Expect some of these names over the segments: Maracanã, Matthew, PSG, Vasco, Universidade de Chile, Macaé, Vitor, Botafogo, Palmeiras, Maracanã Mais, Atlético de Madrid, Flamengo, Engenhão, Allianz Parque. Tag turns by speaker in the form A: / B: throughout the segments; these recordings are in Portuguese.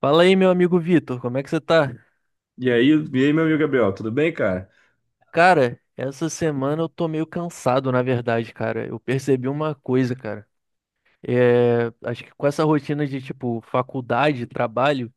A: Fala aí, meu amigo Vitor, como é que você tá?
B: E aí, meu amigo Gabriel, tudo bem, cara?
A: Cara, essa semana eu tô meio cansado, na verdade, cara. Eu percebi uma coisa, cara. É, acho que com essa rotina de, tipo, faculdade, trabalho,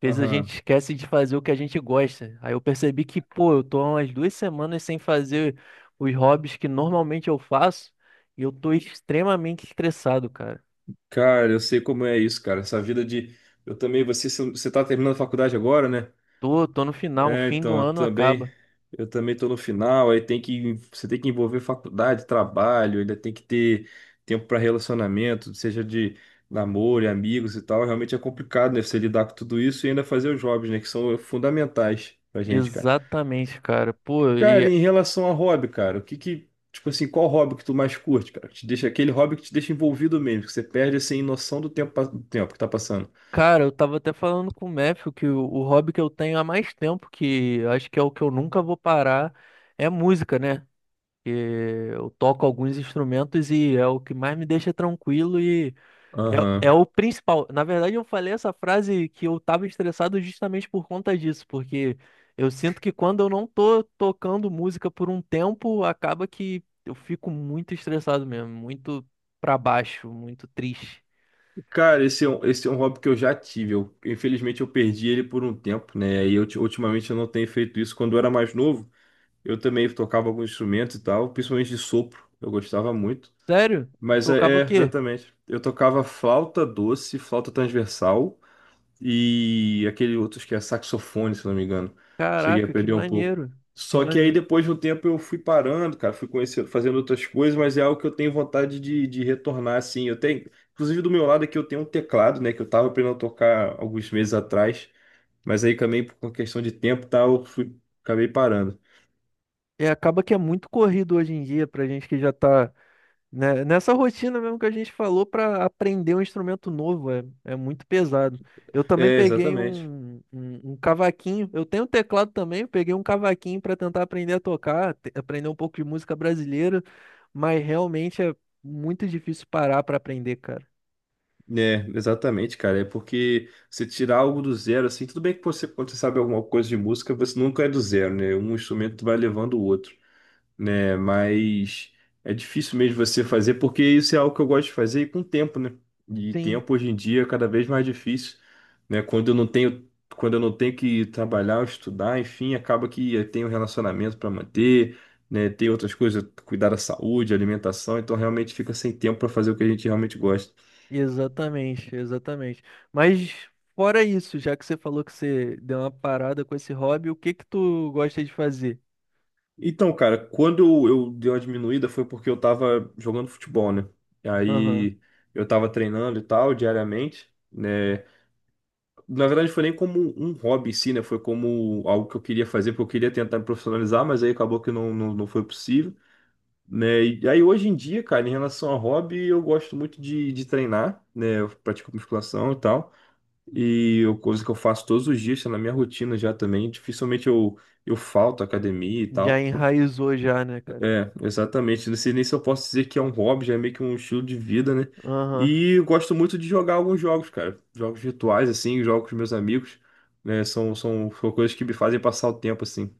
A: fez a
B: Aham.
A: gente esquece de fazer o que a gente gosta. Aí eu percebi que, pô, eu tô há umas 2 semanas sem fazer os hobbies que normalmente eu faço e eu tô extremamente estressado, cara.
B: Cara, eu sei como é isso, cara. Essa vida de. Eu também, você tá terminando a faculdade agora, né?
A: Tô no final,
B: É,
A: fim do
B: então, eu
A: ano
B: também.
A: acaba.
B: Eu também tô no final, aí tem que. Você tem que envolver faculdade, trabalho, ainda tem que ter tempo para relacionamento, seja de namoro, e amigos e tal. Realmente é complicado, né? Você lidar com tudo isso e ainda fazer os jobs, né? Que são fundamentais pra gente, cara.
A: Exatamente, cara. Pô,
B: Cara, em relação a hobby, cara, o que que, tipo assim, qual hobby que tu mais curte, cara? Que te deixa aquele hobby que te deixa envolvido mesmo, que você perde assim noção do tempo, do tempo que tá passando.
A: Cara, eu tava até falando com o Matthew que o hobby que eu tenho há mais tempo, que acho que é o que eu nunca vou parar, é música, né? Que eu toco alguns instrumentos e é o que mais me deixa tranquilo e é
B: Aham.
A: o principal. Na verdade, eu falei essa frase que eu tava estressado justamente por conta disso, porque eu sinto que quando eu não tô tocando música por um tempo, acaba que eu fico muito estressado mesmo, muito pra baixo, muito triste.
B: Cara, esse é um hobby que eu já tive. Infelizmente eu perdi ele por um tempo, né? Ultimamente eu não tenho feito isso. Quando eu era mais novo, eu também tocava alguns instrumentos e tal, principalmente de sopro. Eu gostava muito.
A: Sério? Você tocava o quê?
B: Exatamente. Eu tocava flauta doce, flauta transversal, e aquele outro, acho que é saxofone, se não me engano. Cheguei a
A: Caraca, que
B: perder um pouco.
A: maneiro, que
B: Só que aí
A: maneiro.
B: depois de um tempo eu fui parando, cara, fui conhecendo, fazendo outras coisas, mas é algo que eu tenho vontade de, retornar, assim. Eu tenho, inclusive do meu lado aqui eu tenho um teclado, né, que eu tava aprendendo a tocar alguns meses atrás, mas aí também por uma questão de tempo e tal, acabei parando.
A: E acaba que é muito corrido hoje em dia pra gente que já tá, né, nessa rotina mesmo que a gente falou pra aprender um instrumento novo, é muito pesado. Eu também
B: É,
A: peguei
B: exatamente.
A: um cavaquinho, eu tenho um teclado também, eu peguei um cavaquinho pra tentar aprender a tocar, aprender um pouco de música brasileira, mas realmente é muito difícil parar pra aprender, cara.
B: É, exatamente, cara. É porque você tirar algo do zero, assim, tudo bem que você, quando você sabe alguma coisa de música, você nunca é do zero, né? Um instrumento vai levando o outro, né? Mas é difícil mesmo você fazer, porque isso é algo que eu gosto de fazer e com tempo, né? E
A: Sim.
B: tempo hoje em dia é cada vez mais difícil, né? Quando eu não tenho, quando eu não tenho que trabalhar, estudar, enfim, acaba que eu tenho um relacionamento para manter, né? Tem outras coisas, cuidar da saúde, alimentação, então realmente fica sem tempo para fazer o que a gente realmente gosta.
A: Exatamente, exatamente. Mas fora isso, já que você falou que você deu uma parada com esse hobby, o que que tu gosta de fazer?
B: Então, cara, quando eu dei uma diminuída foi porque eu tava jogando futebol, né?
A: Aham.
B: Aí eu tava treinando e tal diariamente, né? Na verdade, foi nem como um hobby em si, né? Foi como algo que eu queria fazer, porque eu queria tentar me profissionalizar, mas aí acabou que não foi possível, né? E aí, hoje em dia, cara, em relação a hobby, eu gosto muito de treinar, né? Eu pratico musculação e tal, e eu, coisa que eu faço todos os dias, tá na minha rotina já também. Dificilmente eu falto à academia e
A: Já
B: tal.
A: enraizou já, né, cara?
B: É, exatamente. Não sei nem se eu posso dizer que é um hobby, já é meio que um estilo de vida, né?
A: Aham.
B: E eu gosto muito de jogar alguns jogos, cara. Jogos virtuais, assim, jogo com os meus amigos, né? São coisas que me fazem passar o tempo, assim.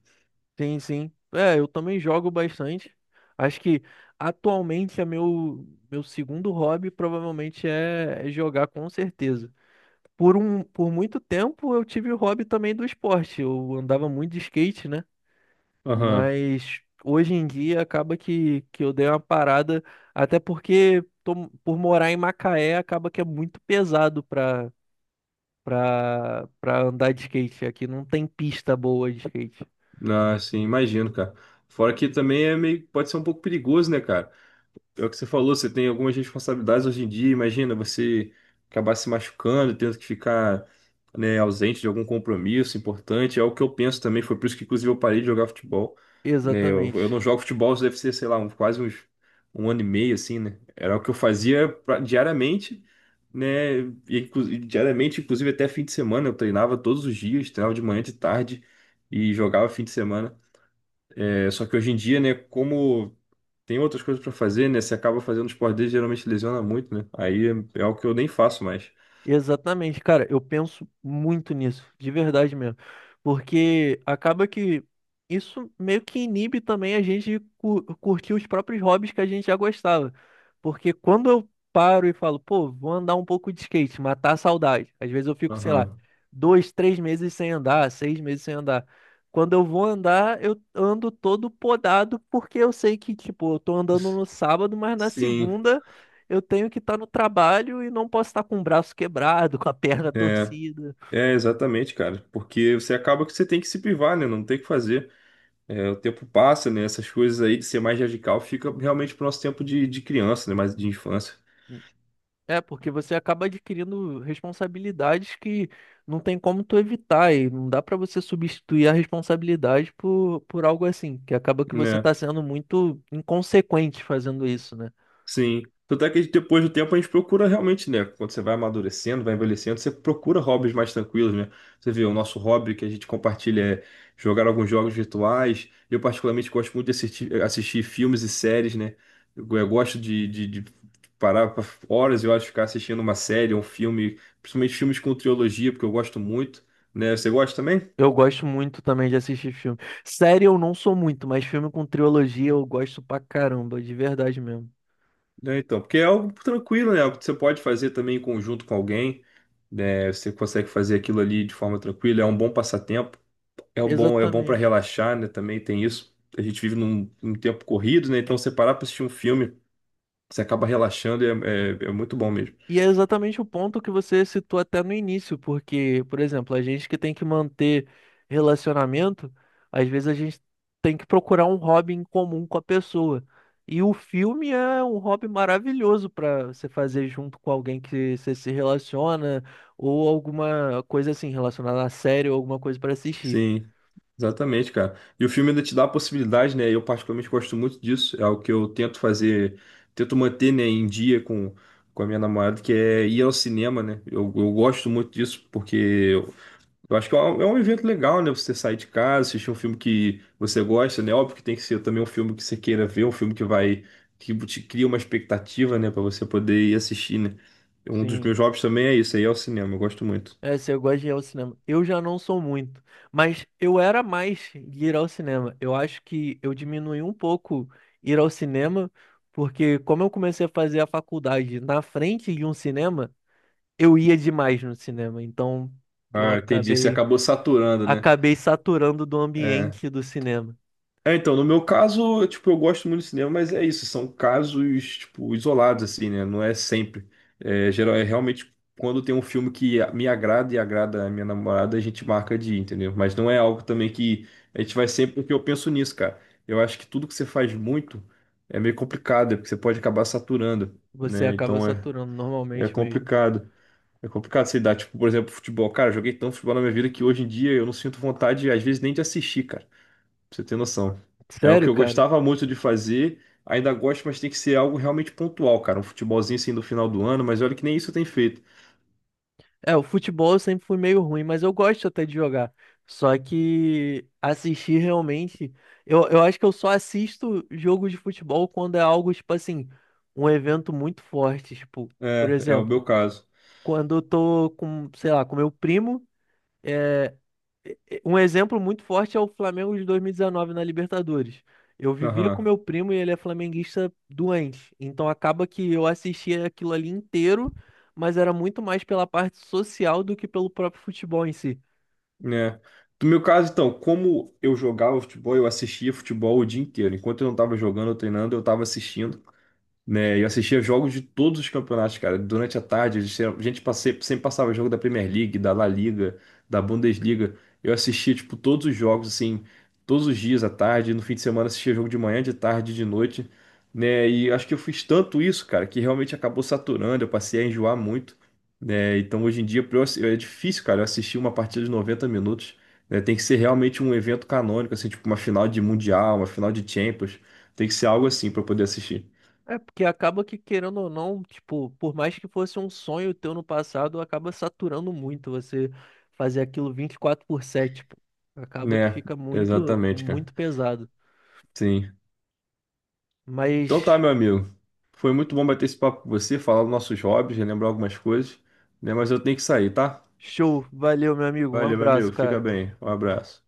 A: Sim, sim. É, eu também jogo bastante. Acho que atualmente é meu segundo hobby provavelmente é jogar com certeza. Por muito tempo eu tive o hobby também do esporte. Eu andava muito de skate, né?
B: Aham.
A: Mas hoje em dia acaba que eu dei uma parada, até porque por morar em Macaé acaba que é muito pesado pra andar de skate. Aqui não tem pista boa de skate.
B: Ah, sim, imagino, cara. Fora que também é meio, pode ser um pouco perigoso, né, cara? É o que você falou, você tem algumas responsabilidades hoje em dia. Imagina você acabar se machucando, tendo que ficar, né, ausente de algum compromisso importante. É o que eu penso também. Foi por isso que, inclusive, eu parei de jogar futebol. Né, eu,
A: Exatamente.
B: eu não jogo futebol, isso deve ser, sei lá, quase uns, 1 ano e meio, assim, né? Era o que eu fazia diariamente, né? E diariamente, inclusive, até fim de semana. Eu treinava todos os dias, treinava de manhã, de tarde e jogava fim de semana. É, só que hoje em dia, né, como tem outras coisas pra fazer, né? Você acaba fazendo esporte dele, geralmente lesiona muito, né? Aí é algo que eu nem faço mais.
A: Exatamente, cara, eu penso muito nisso, de verdade mesmo. Porque acaba que isso meio que inibe também a gente de curtir os próprios hobbies que a gente já gostava. Porque quando eu paro e falo, pô, vou andar um pouco de skate, matar a saudade. Às vezes eu fico, sei lá,
B: Aham.
A: dois, três meses sem andar, 6 meses sem andar. Quando eu vou andar, eu ando todo podado, porque eu sei que, tipo, eu tô andando no sábado, mas na
B: Sim,
A: segunda. Eu tenho que estar no trabalho e não posso estar com o braço quebrado, com a perna
B: é,
A: torcida.
B: exatamente, cara. Porque você acaba que você tem que se privar, né? Não tem o que fazer. É, o tempo passa, né? Essas coisas aí de ser mais radical fica realmente pro nosso tempo de, criança, né? Mais de infância,
A: É, porque você acaba adquirindo responsabilidades que não tem como tu evitar e não dá pra você substituir a responsabilidade por algo assim, que acaba que você
B: né?
A: tá sendo muito inconsequente fazendo isso, né?
B: Sim. Tanto é que depois do tempo a gente procura realmente, né? Quando você vai amadurecendo, vai envelhecendo, você procura hobbies mais tranquilos, né? Você vê, o nosso hobby que a gente compartilha é jogar alguns jogos virtuais. Eu particularmente gosto muito de assistir, assistir filmes e séries, né? Eu gosto de parar pra horas e horas ficar assistindo uma série, um filme, principalmente filmes com trilogia, porque eu gosto muito, né? Você gosta também?
A: Eu gosto muito também de assistir filme. Série eu não sou muito, mas filme com trilogia eu gosto pra caramba, de verdade mesmo.
B: Né, então, porque é algo tranquilo, né? Algo que você pode fazer também em conjunto com alguém, né? Você consegue fazer aquilo ali de forma tranquila, é um bom passatempo, é um bom, é bom para
A: Exatamente.
B: relaxar, né? Também tem isso. A gente vive num tempo corrido, né? Então, você parar para assistir um filme, você acaba relaxando e é muito bom mesmo.
A: E é exatamente o ponto que você citou até no início, porque, por exemplo, a gente que tem que manter relacionamento, às vezes a gente tem que procurar um hobby em comum com a pessoa. E o filme é um hobby maravilhoso para você fazer junto com alguém que você se relaciona, ou alguma coisa assim relacionada a série, ou alguma coisa para assistir.
B: Sim, exatamente, cara. E o filme ainda te dá a possibilidade, né? Eu particularmente gosto muito disso, é algo que eu tento fazer, tento manter, né, em dia com a minha namorada, que é ir ao cinema, né? Eu gosto muito disso, porque eu acho que é um evento legal, né? Você sair de casa, assistir um filme que você gosta, né? Óbvio que tem que ser também um filme que você queira ver, um filme que vai, que te cria uma expectativa, né? Pra você poder ir assistir, né? Um dos
A: Sim.
B: meus hobbies também é isso, aí é o cinema, eu gosto muito.
A: É, se eu gosto de ir ao cinema. Eu já não sou muito, mas eu era mais de ir ao cinema. Eu acho que eu diminui um pouco ir ao cinema, porque como eu comecei a fazer a faculdade na frente de um cinema, eu ia demais no cinema. Então eu
B: Ah, entendi. Você
A: acabei
B: acabou saturando, né?
A: acabei saturando do
B: É.
A: ambiente do cinema.
B: É, então, no meu caso, tipo, eu gosto muito de cinema, mas é isso, são casos, tipo, isolados, assim, né? Não é sempre. É, geral, é realmente quando tem um filme que me agrada e agrada a minha namorada, a gente marca de ir, entendeu? Mas não é algo também que a gente vai sempre, porque eu penso nisso, cara. Eu acho que tudo que você faz muito é meio complicado, é porque você pode acabar saturando,
A: Você
B: né?
A: acaba
B: Então é,
A: saturando
B: é
A: normalmente mesmo.
B: complicado. É complicado você dar, tipo, por exemplo, futebol. Cara, eu joguei tanto futebol na minha vida que hoje em dia eu não sinto vontade, às vezes, nem de assistir, cara. Pra você ter noção. É o que
A: Sério,
B: eu
A: cara?
B: gostava muito de fazer, ainda gosto, mas tem que ser algo realmente pontual, cara. Um futebolzinho assim do final do ano, mas olha que nem isso eu tenho feito.
A: É, o futebol eu sempre fui meio ruim, mas eu gosto até de jogar. Só que assistir realmente. Eu acho que eu só assisto jogo de futebol quando é algo, tipo assim, um evento muito forte. Tipo, por
B: É, é o
A: exemplo,
B: meu caso.
A: quando eu tô com, sei lá, com meu primo. Um exemplo muito forte é o Flamengo de 2019 na Libertadores. Eu vivia com
B: Aham,
A: meu primo e ele é flamenguista doente. Então acaba que eu assistia aquilo ali inteiro, mas era muito mais pela parte social do que pelo próprio futebol em si.
B: né? No meu caso, então, como eu jogava futebol, eu assistia futebol o dia inteiro. Enquanto eu não estava jogando ou treinando, eu estava assistindo, né? Eu assistia jogos de todos os campeonatos, cara. Durante a tarde, sempre passava jogo da Premier League, da La Liga, da Bundesliga. Eu assistia, tipo, todos os jogos, assim, todos os dias à tarde. No fim de semana, assistia jogo de manhã, de tarde, de noite, né? E acho que eu fiz tanto isso, cara, que realmente acabou saturando. Eu passei a enjoar muito, né? Então, hoje em dia, é difícil, cara, eu assistir uma partida de 90 minutos, né? Tem que ser realmente um evento canônico, assim, tipo uma final de Mundial, uma final de Champions. Tem que ser algo assim pra eu poder assistir.
A: É porque acaba que, querendo ou não, tipo, por mais que fosse um sonho teu no passado, acaba saturando muito você fazer aquilo 24/7 tipo, acaba que
B: Né,
A: fica muito,
B: exatamente, cara.
A: muito pesado.
B: Sim. Então tá,
A: Mas
B: meu amigo. Foi muito bom bater esse papo com você, falar dos nossos hobbies, relembrar algumas coisas, né? Mas eu tenho que sair, tá?
A: show, valeu, meu amigo. Um
B: Valeu, meu amigo.
A: abraço,
B: Fica
A: cara.
B: bem. Um abraço.